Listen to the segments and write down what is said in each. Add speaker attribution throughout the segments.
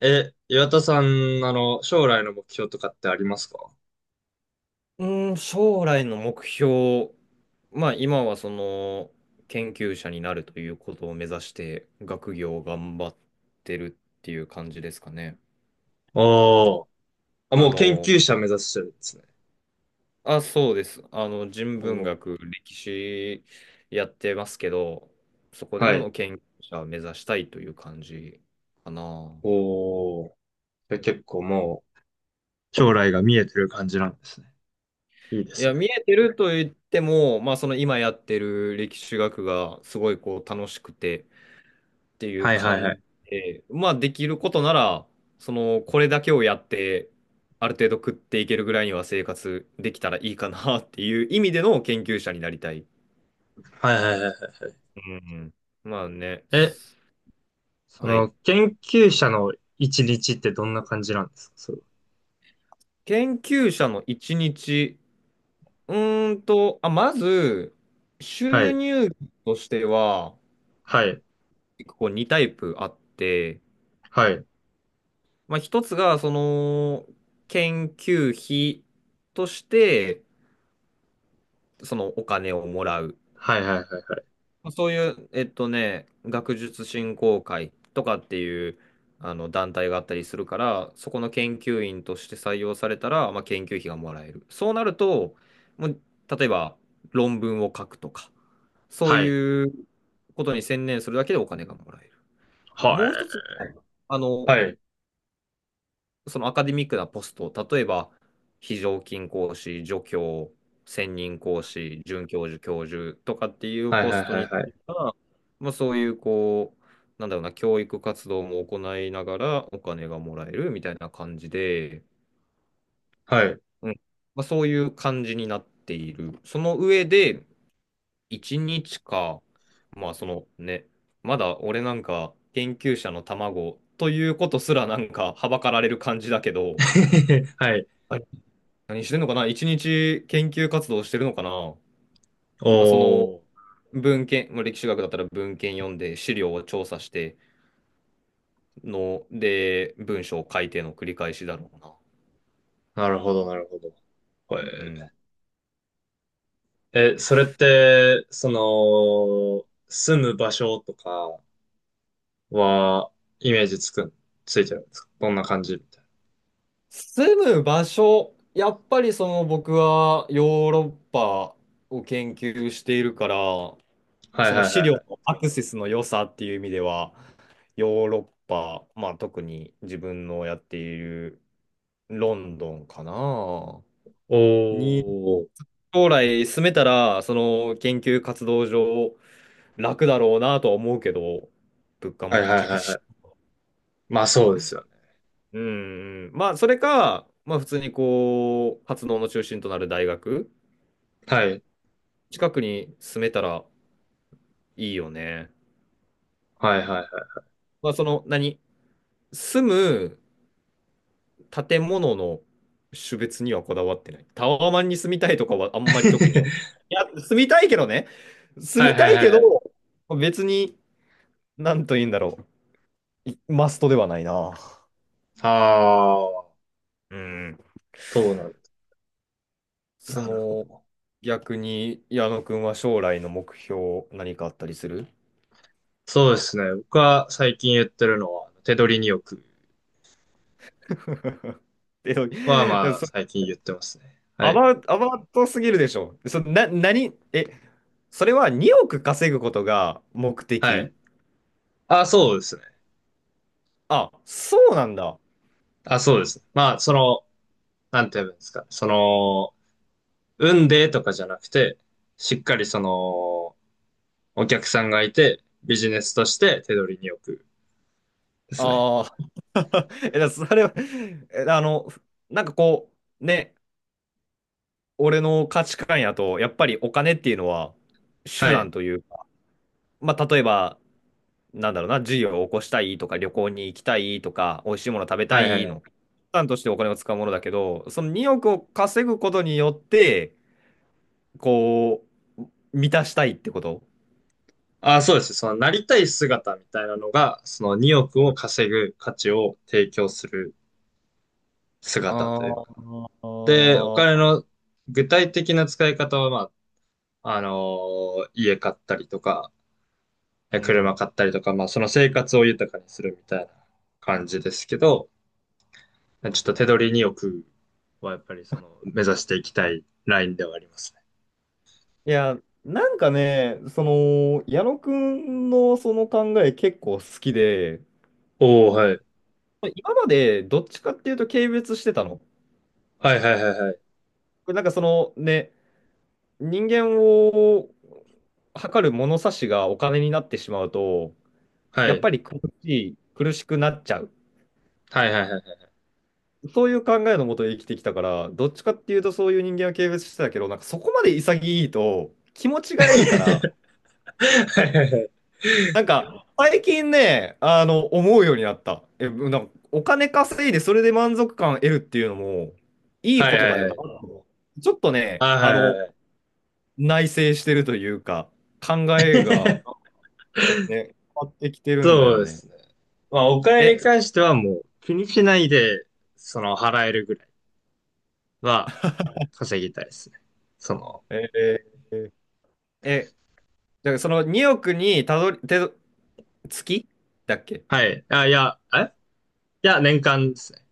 Speaker 1: 岩田さん、将来の目標とかってありますか？
Speaker 2: う将来の目標、まあ今はその研究者になるということを目指して学業を頑張ってるっていう感じですかね。
Speaker 1: おー。あ、
Speaker 2: あ
Speaker 1: もう研
Speaker 2: の、
Speaker 1: 究者目指してるんですね。
Speaker 2: あ、そうです。人文
Speaker 1: おー。
Speaker 2: 学、歴史やってますけど、そこで
Speaker 1: は
Speaker 2: も
Speaker 1: い。
Speaker 2: の研究者を目指したいという感じかな。
Speaker 1: おー。で結構もう、将来が見えてる感じなんですね。いいで
Speaker 2: い
Speaker 1: す
Speaker 2: や、
Speaker 1: ね。
Speaker 2: 見えてると言っても、まあその今やってる歴史学がすごいこう楽しくて、っていう
Speaker 1: はいはいは
Speaker 2: 感
Speaker 1: い。
Speaker 2: じで、まあできることなら、その、これだけをやって、ある程度食っていけるぐらいには生活できたらいいかなっていう意味での研究者になりたい。
Speaker 1: はいはいはいはい。
Speaker 2: うんうん。まあね、
Speaker 1: え、
Speaker 2: はい。
Speaker 1: 研究者の一日ってどんな感じなんですか、それ
Speaker 2: 研究者の一日、あ、まず、
Speaker 1: は？は
Speaker 2: 収
Speaker 1: い。
Speaker 2: 入としては、
Speaker 1: はい。
Speaker 2: 結構2タイプあって、
Speaker 1: はい。
Speaker 2: まあ一つが、その、研究費として、そのお金をもらう。
Speaker 1: はいはいはい。
Speaker 2: そういう、学術振興会とかっていうあの団体があったりするから、そこの研究員として採用されたら、まあ、研究費がもらえる。そうなると、もう例えば論文を書くとか、そう
Speaker 1: はい。
Speaker 2: いうことに専念するだけでお金がもらえる。
Speaker 1: は
Speaker 2: も
Speaker 1: い。
Speaker 2: う一つ、あの、
Speaker 1: はい。
Speaker 2: そのアカデミックなポスト、例えば、非常勤講師、助教、専任講師、准教授、教授とかっていう
Speaker 1: はい
Speaker 2: ポ
Speaker 1: は
Speaker 2: ス
Speaker 1: い
Speaker 2: ト
Speaker 1: は
Speaker 2: に
Speaker 1: い
Speaker 2: つ
Speaker 1: は
Speaker 2: い
Speaker 1: い。
Speaker 2: ては、まあ、そういう、こう、なんだろうな、教育活動も行いながらお金がもらえるみたいな感じで、
Speaker 1: はい。
Speaker 2: うん、まあ、そういう感じになっている。その上で、1日か、まあ、そのね、まだ俺なんか研究者の卵ということすらなんかはばかられる感じだけど、
Speaker 1: はい。
Speaker 2: 何してんのかな、一日研究活動してるのかな。 まあ、その
Speaker 1: おー。
Speaker 2: 文献、まあ、歴史学だったら文献読んで資料を調査しての、で、文章を書いての繰り返しだろうな。
Speaker 1: なるほど、なるほど。こ
Speaker 2: う
Speaker 1: れ
Speaker 2: ん。
Speaker 1: え、それって、住む場所とかは、イメージつくん、ついてるんですか？どんな感じみたい
Speaker 2: 住む場所、やっぱりその僕はヨーロッパを研究しているから、
Speaker 1: な。はい
Speaker 2: そ
Speaker 1: は
Speaker 2: の
Speaker 1: いはい
Speaker 2: 資料
Speaker 1: は
Speaker 2: の
Speaker 1: い。
Speaker 2: アクセスの良さっていう意味では、ヨーロッパ、まあ特に自分のやっているロンドンかな。
Speaker 1: お
Speaker 2: に
Speaker 1: ー。
Speaker 2: 将来進めたら、その研究活動上楽だろうなとは思うけど、物価
Speaker 1: は
Speaker 2: も
Speaker 1: いは
Speaker 2: 高
Speaker 1: い
Speaker 2: い
Speaker 1: はいは
Speaker 2: し。
Speaker 1: い。まあそうですよね。
Speaker 2: うん、うん。まあ、それか、まあ、普通にこう、活動の中心となる大学、
Speaker 1: はい。
Speaker 2: 近くに住めたらいいよね。
Speaker 1: はいはいはい。
Speaker 2: まあ、その、何、住む建物の種別にはこだわってない。タワマンに住みたいとかはあんまり特に思う。いや、住みたいけどね。住
Speaker 1: はい
Speaker 2: み
Speaker 1: は
Speaker 2: た
Speaker 1: い
Speaker 2: い
Speaker 1: は
Speaker 2: け
Speaker 1: い
Speaker 2: ど、
Speaker 1: はい。
Speaker 2: 別に、なんと言うんだろう。マストではないな。
Speaker 1: ああ、
Speaker 2: うん。
Speaker 1: そうなんだ。
Speaker 2: そ
Speaker 1: なるほ
Speaker 2: の、
Speaker 1: ど。
Speaker 2: 逆に矢野くんは将来の目標何かあったりする？
Speaker 1: そうですね。僕は最近言ってるのは、手取りによく
Speaker 2: え、
Speaker 1: は
Speaker 2: だから
Speaker 1: まあ
Speaker 2: そ
Speaker 1: 最近言ってますね。は
Speaker 2: ア
Speaker 1: い。
Speaker 2: バウトすぎるでしょ。そ、な、何、え、それは2億稼ぐことが目
Speaker 1: はい。
Speaker 2: 的？
Speaker 1: あ、そうですね。
Speaker 2: あ、そうなんだ。
Speaker 1: あ、そうです。まあ、なんて言えばいいんですか。運でとかじゃなくて、しっかりお客さんがいて、ビジネスとして手取りに置くですね。
Speaker 2: ああ。え、それは、え、なんかこう、ね、俺の価値観やと、やっぱりお金っていうのは手
Speaker 1: は
Speaker 2: 段
Speaker 1: い。
Speaker 2: というか、まあ、例えば、なんだろうな、事業を起こしたいとか、旅行に行きたいとか、美味しいもの食べた
Speaker 1: はいはい
Speaker 2: い
Speaker 1: はい。
Speaker 2: の、手段としてお金を使うものだけど、その2億を稼ぐことによって、こう、満たしたいってこと？
Speaker 1: あ、そうです。なりたい姿みたいなのが、その2億
Speaker 2: う
Speaker 1: を
Speaker 2: ん。
Speaker 1: 稼ぐ価値を提供する
Speaker 2: あ
Speaker 1: 姿というか。
Speaker 2: ー
Speaker 1: で、お金
Speaker 2: あ。
Speaker 1: の具体的な使い方は、まあ、家買ったりとか、
Speaker 2: う
Speaker 1: 車
Speaker 2: ん。
Speaker 1: 買ったりとか、まあ、その生活を豊かにするみたいな感じですけど、ちょっと手取り2億はやっぱりその目指していきたいラインではありますね。
Speaker 2: いや、なんかね、その、矢野くんのその考え結構好きで、
Speaker 1: おお、はい。
Speaker 2: 今までどっちかっていうと軽蔑してたの。
Speaker 1: はいはいはいはい。
Speaker 2: なんかそのね、人間を測る物差しがお金になってしまうと、
Speaker 1: は
Speaker 2: やっ
Speaker 1: い。
Speaker 2: ぱり苦しくなっちゃう。
Speaker 1: はいはいはいは
Speaker 2: そういう考えのもと生きてきたから、どっちかっていうとそういう人間は軽蔑してたけど、なんかそこまで潔いと気持ちがいいから、
Speaker 1: い。
Speaker 2: なんか最近ね、思うようになった。え、なんかお金稼いでそれで満足感得るっていうのもいい
Speaker 1: は
Speaker 2: こ
Speaker 1: いは
Speaker 2: と
Speaker 1: いは
Speaker 2: だ
Speaker 1: い
Speaker 2: よ
Speaker 1: は
Speaker 2: な。
Speaker 1: い。
Speaker 2: ちょっと
Speaker 1: あ、
Speaker 2: ね、
Speaker 1: はいはいはい。
Speaker 2: 内省してるというか、考えが ね、変わってきてるんだ
Speaker 1: そ
Speaker 2: よ
Speaker 1: うで
Speaker 2: ね。
Speaker 1: すね。まあ、お金に
Speaker 2: え、
Speaker 1: 関してはもう気にしないで、その払えるぐらいは稼ぎたいですね。その、
Speaker 2: えーえ、だからその2億にたどり、てど月だっけ？
Speaker 1: はい。あ、いや、いや、年間ですね。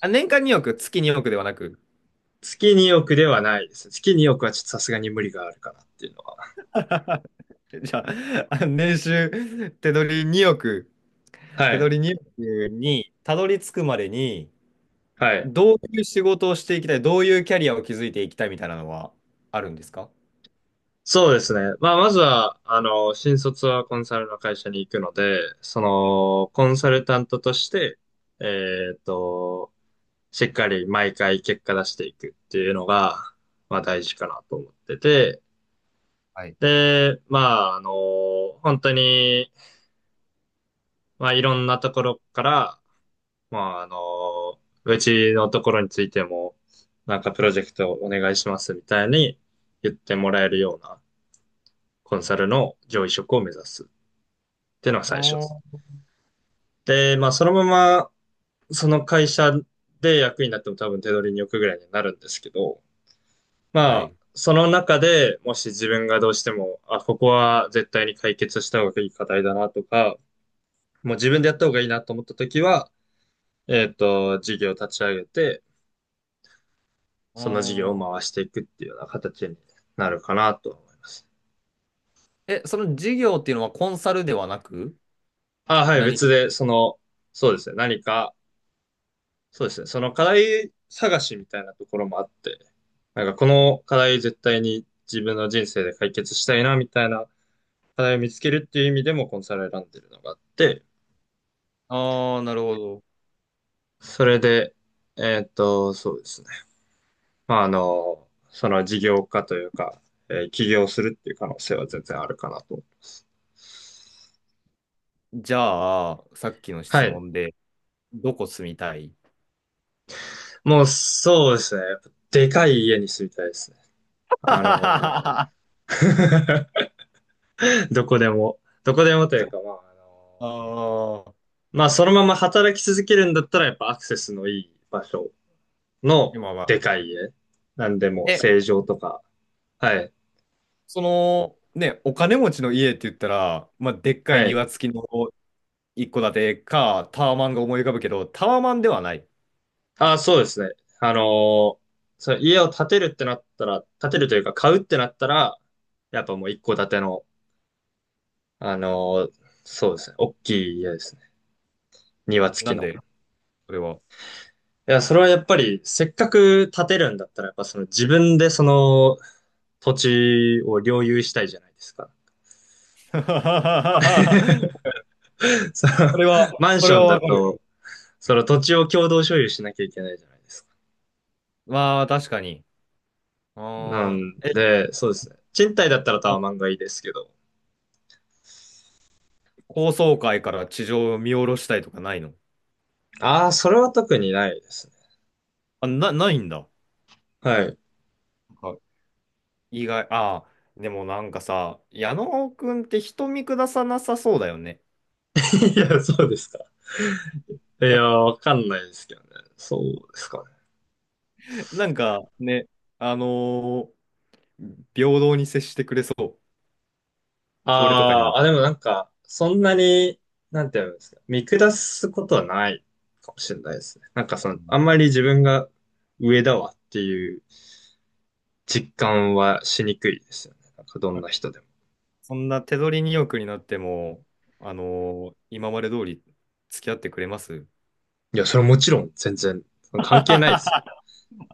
Speaker 2: あ、年間2億、月2億ではなく。
Speaker 1: 月2億ではないです。月2億はちょっとさすがに無理があるかなっていうのは。
Speaker 2: じゃあ、あ年収、手取り2億、
Speaker 1: は
Speaker 2: 手
Speaker 1: い。
Speaker 2: 取り2億にたどり着くまでに、
Speaker 1: はい。
Speaker 2: どういう仕事をしていきたい、どういうキャリアを築いていきたいみたいなのはあるんですか？
Speaker 1: そうですね。まあ、まずは、新卒はコンサルの会社に行くので、コンサルタントとして、えっと、しっかり毎回結果出していくっていうのが、まあ大事かなと思ってて、
Speaker 2: はい。
Speaker 1: で、まあ、本当に、まあいろんなところから、まあうちのところについても、なんかプロジェクトお願いしますみたいに言ってもらえるようなコンサルの上位職を目指す、っていうのが
Speaker 2: あ
Speaker 1: 最初です。
Speaker 2: ー。
Speaker 1: で、まあ、そのまま、その会社で役員になっても多分手取りに置くぐらいになるんですけど、ま
Speaker 2: は
Speaker 1: あ、
Speaker 2: い。
Speaker 1: その中でもし自分がどうしても、あ、ここは絶対に解決した方がいい課題だなとか、もう自分でやった方がいいなと思った時は、事業を立ち上げて、
Speaker 2: あ
Speaker 1: その事業を
Speaker 2: ー。
Speaker 1: 回していくっていうような形になるかなと思います。
Speaker 2: え、その事業っていうのはコンサルではなく、
Speaker 1: あ、はい、
Speaker 2: 何
Speaker 1: 別
Speaker 2: か。
Speaker 1: で、そうですね、何かそうですね。その課題探しみたいなところもあって、なんかこの課題絶対に自分の人生で解決したいなみたいな課題を見つけるっていう意味でもコンサルを選んでるのがあって、
Speaker 2: ああ、なるほど。
Speaker 1: それで、そうですね。まあ、その事業化というか、起業するっていう可能性は全然あるかなと思います。
Speaker 2: じゃあ、さっきの
Speaker 1: は
Speaker 2: 質
Speaker 1: い。
Speaker 2: 問で、どこ住みたい？
Speaker 1: もうそうですね。やっぱでかい家に住みたいですね。あの、
Speaker 2: あ
Speaker 1: どこでも、どこでもというか、まあ、
Speaker 2: あ、
Speaker 1: まあ、そのまま働き続けるんだったら、やっぱアクセスのいい場所の
Speaker 2: 今は。
Speaker 1: でかい家。なんでも、
Speaker 2: え、
Speaker 1: 正常とか。はい。
Speaker 2: その、ね、お金持ちの家って言ったら、まあ、でっかい
Speaker 1: はい。
Speaker 2: 庭付きの一戸建てか、タワマンが思い浮かぶけど、タワマンではない。
Speaker 1: あ、そうですね。あのーその家を建てるってなったら、建てるというか買うってなったら、やっぱもう一戸建ての、あのーそうですね。大きい家ですね。庭付き
Speaker 2: なん
Speaker 1: の。
Speaker 2: で、それは。
Speaker 1: いや、それはやっぱり、せっかく建てるんだったら、やっぱその自分でその土地を領有したいじゃないですか。その
Speaker 2: それは、
Speaker 1: マン
Speaker 2: そ
Speaker 1: シ
Speaker 2: れ
Speaker 1: ョン
Speaker 2: は
Speaker 1: だ
Speaker 2: わか
Speaker 1: と、
Speaker 2: る。
Speaker 1: その土地を共同所有しなきゃいけないじゃないですか。
Speaker 2: まあ、確かに。
Speaker 1: な
Speaker 2: ああ、
Speaker 1: ん
Speaker 2: え、
Speaker 1: で、そうですね。賃貸だったらタワマンがいいですけど。
Speaker 2: 高層階から地上を見下ろしたいとかないの？
Speaker 1: ああ、それは特にないですね。
Speaker 2: あ、な、ないんだ。
Speaker 1: はい。
Speaker 2: 意外。ああ、でもなんかさ、矢野くんって人見下さなさそうだよね。
Speaker 1: いや、そうですか。いや、わかんないですけどね。そうですかね。
Speaker 2: なんかね、あのー平等に接してくれそう。俺とかに
Speaker 1: あ
Speaker 2: も。
Speaker 1: あ、あ、でもなんか、そんなに、なんていうんですか、見下すことはないかもしれないですね。なんか
Speaker 2: う
Speaker 1: あ
Speaker 2: ん。
Speaker 1: んまり自分が上だわっていう実感はしにくいですよね。なんかどんな人でも。
Speaker 2: そんな手取りによくになっても、あの今まで通り付き合ってくれます？
Speaker 1: いや、それはもちろん全然 関係ないですよ。
Speaker 2: あ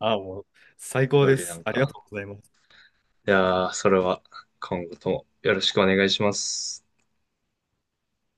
Speaker 2: あ、もう最
Speaker 1: 手
Speaker 2: 高で
Speaker 1: 取りな
Speaker 2: す。
Speaker 1: ん
Speaker 2: ありが
Speaker 1: か。
Speaker 2: とうございます。
Speaker 1: いやー、それは今後ともよろしくお願いします。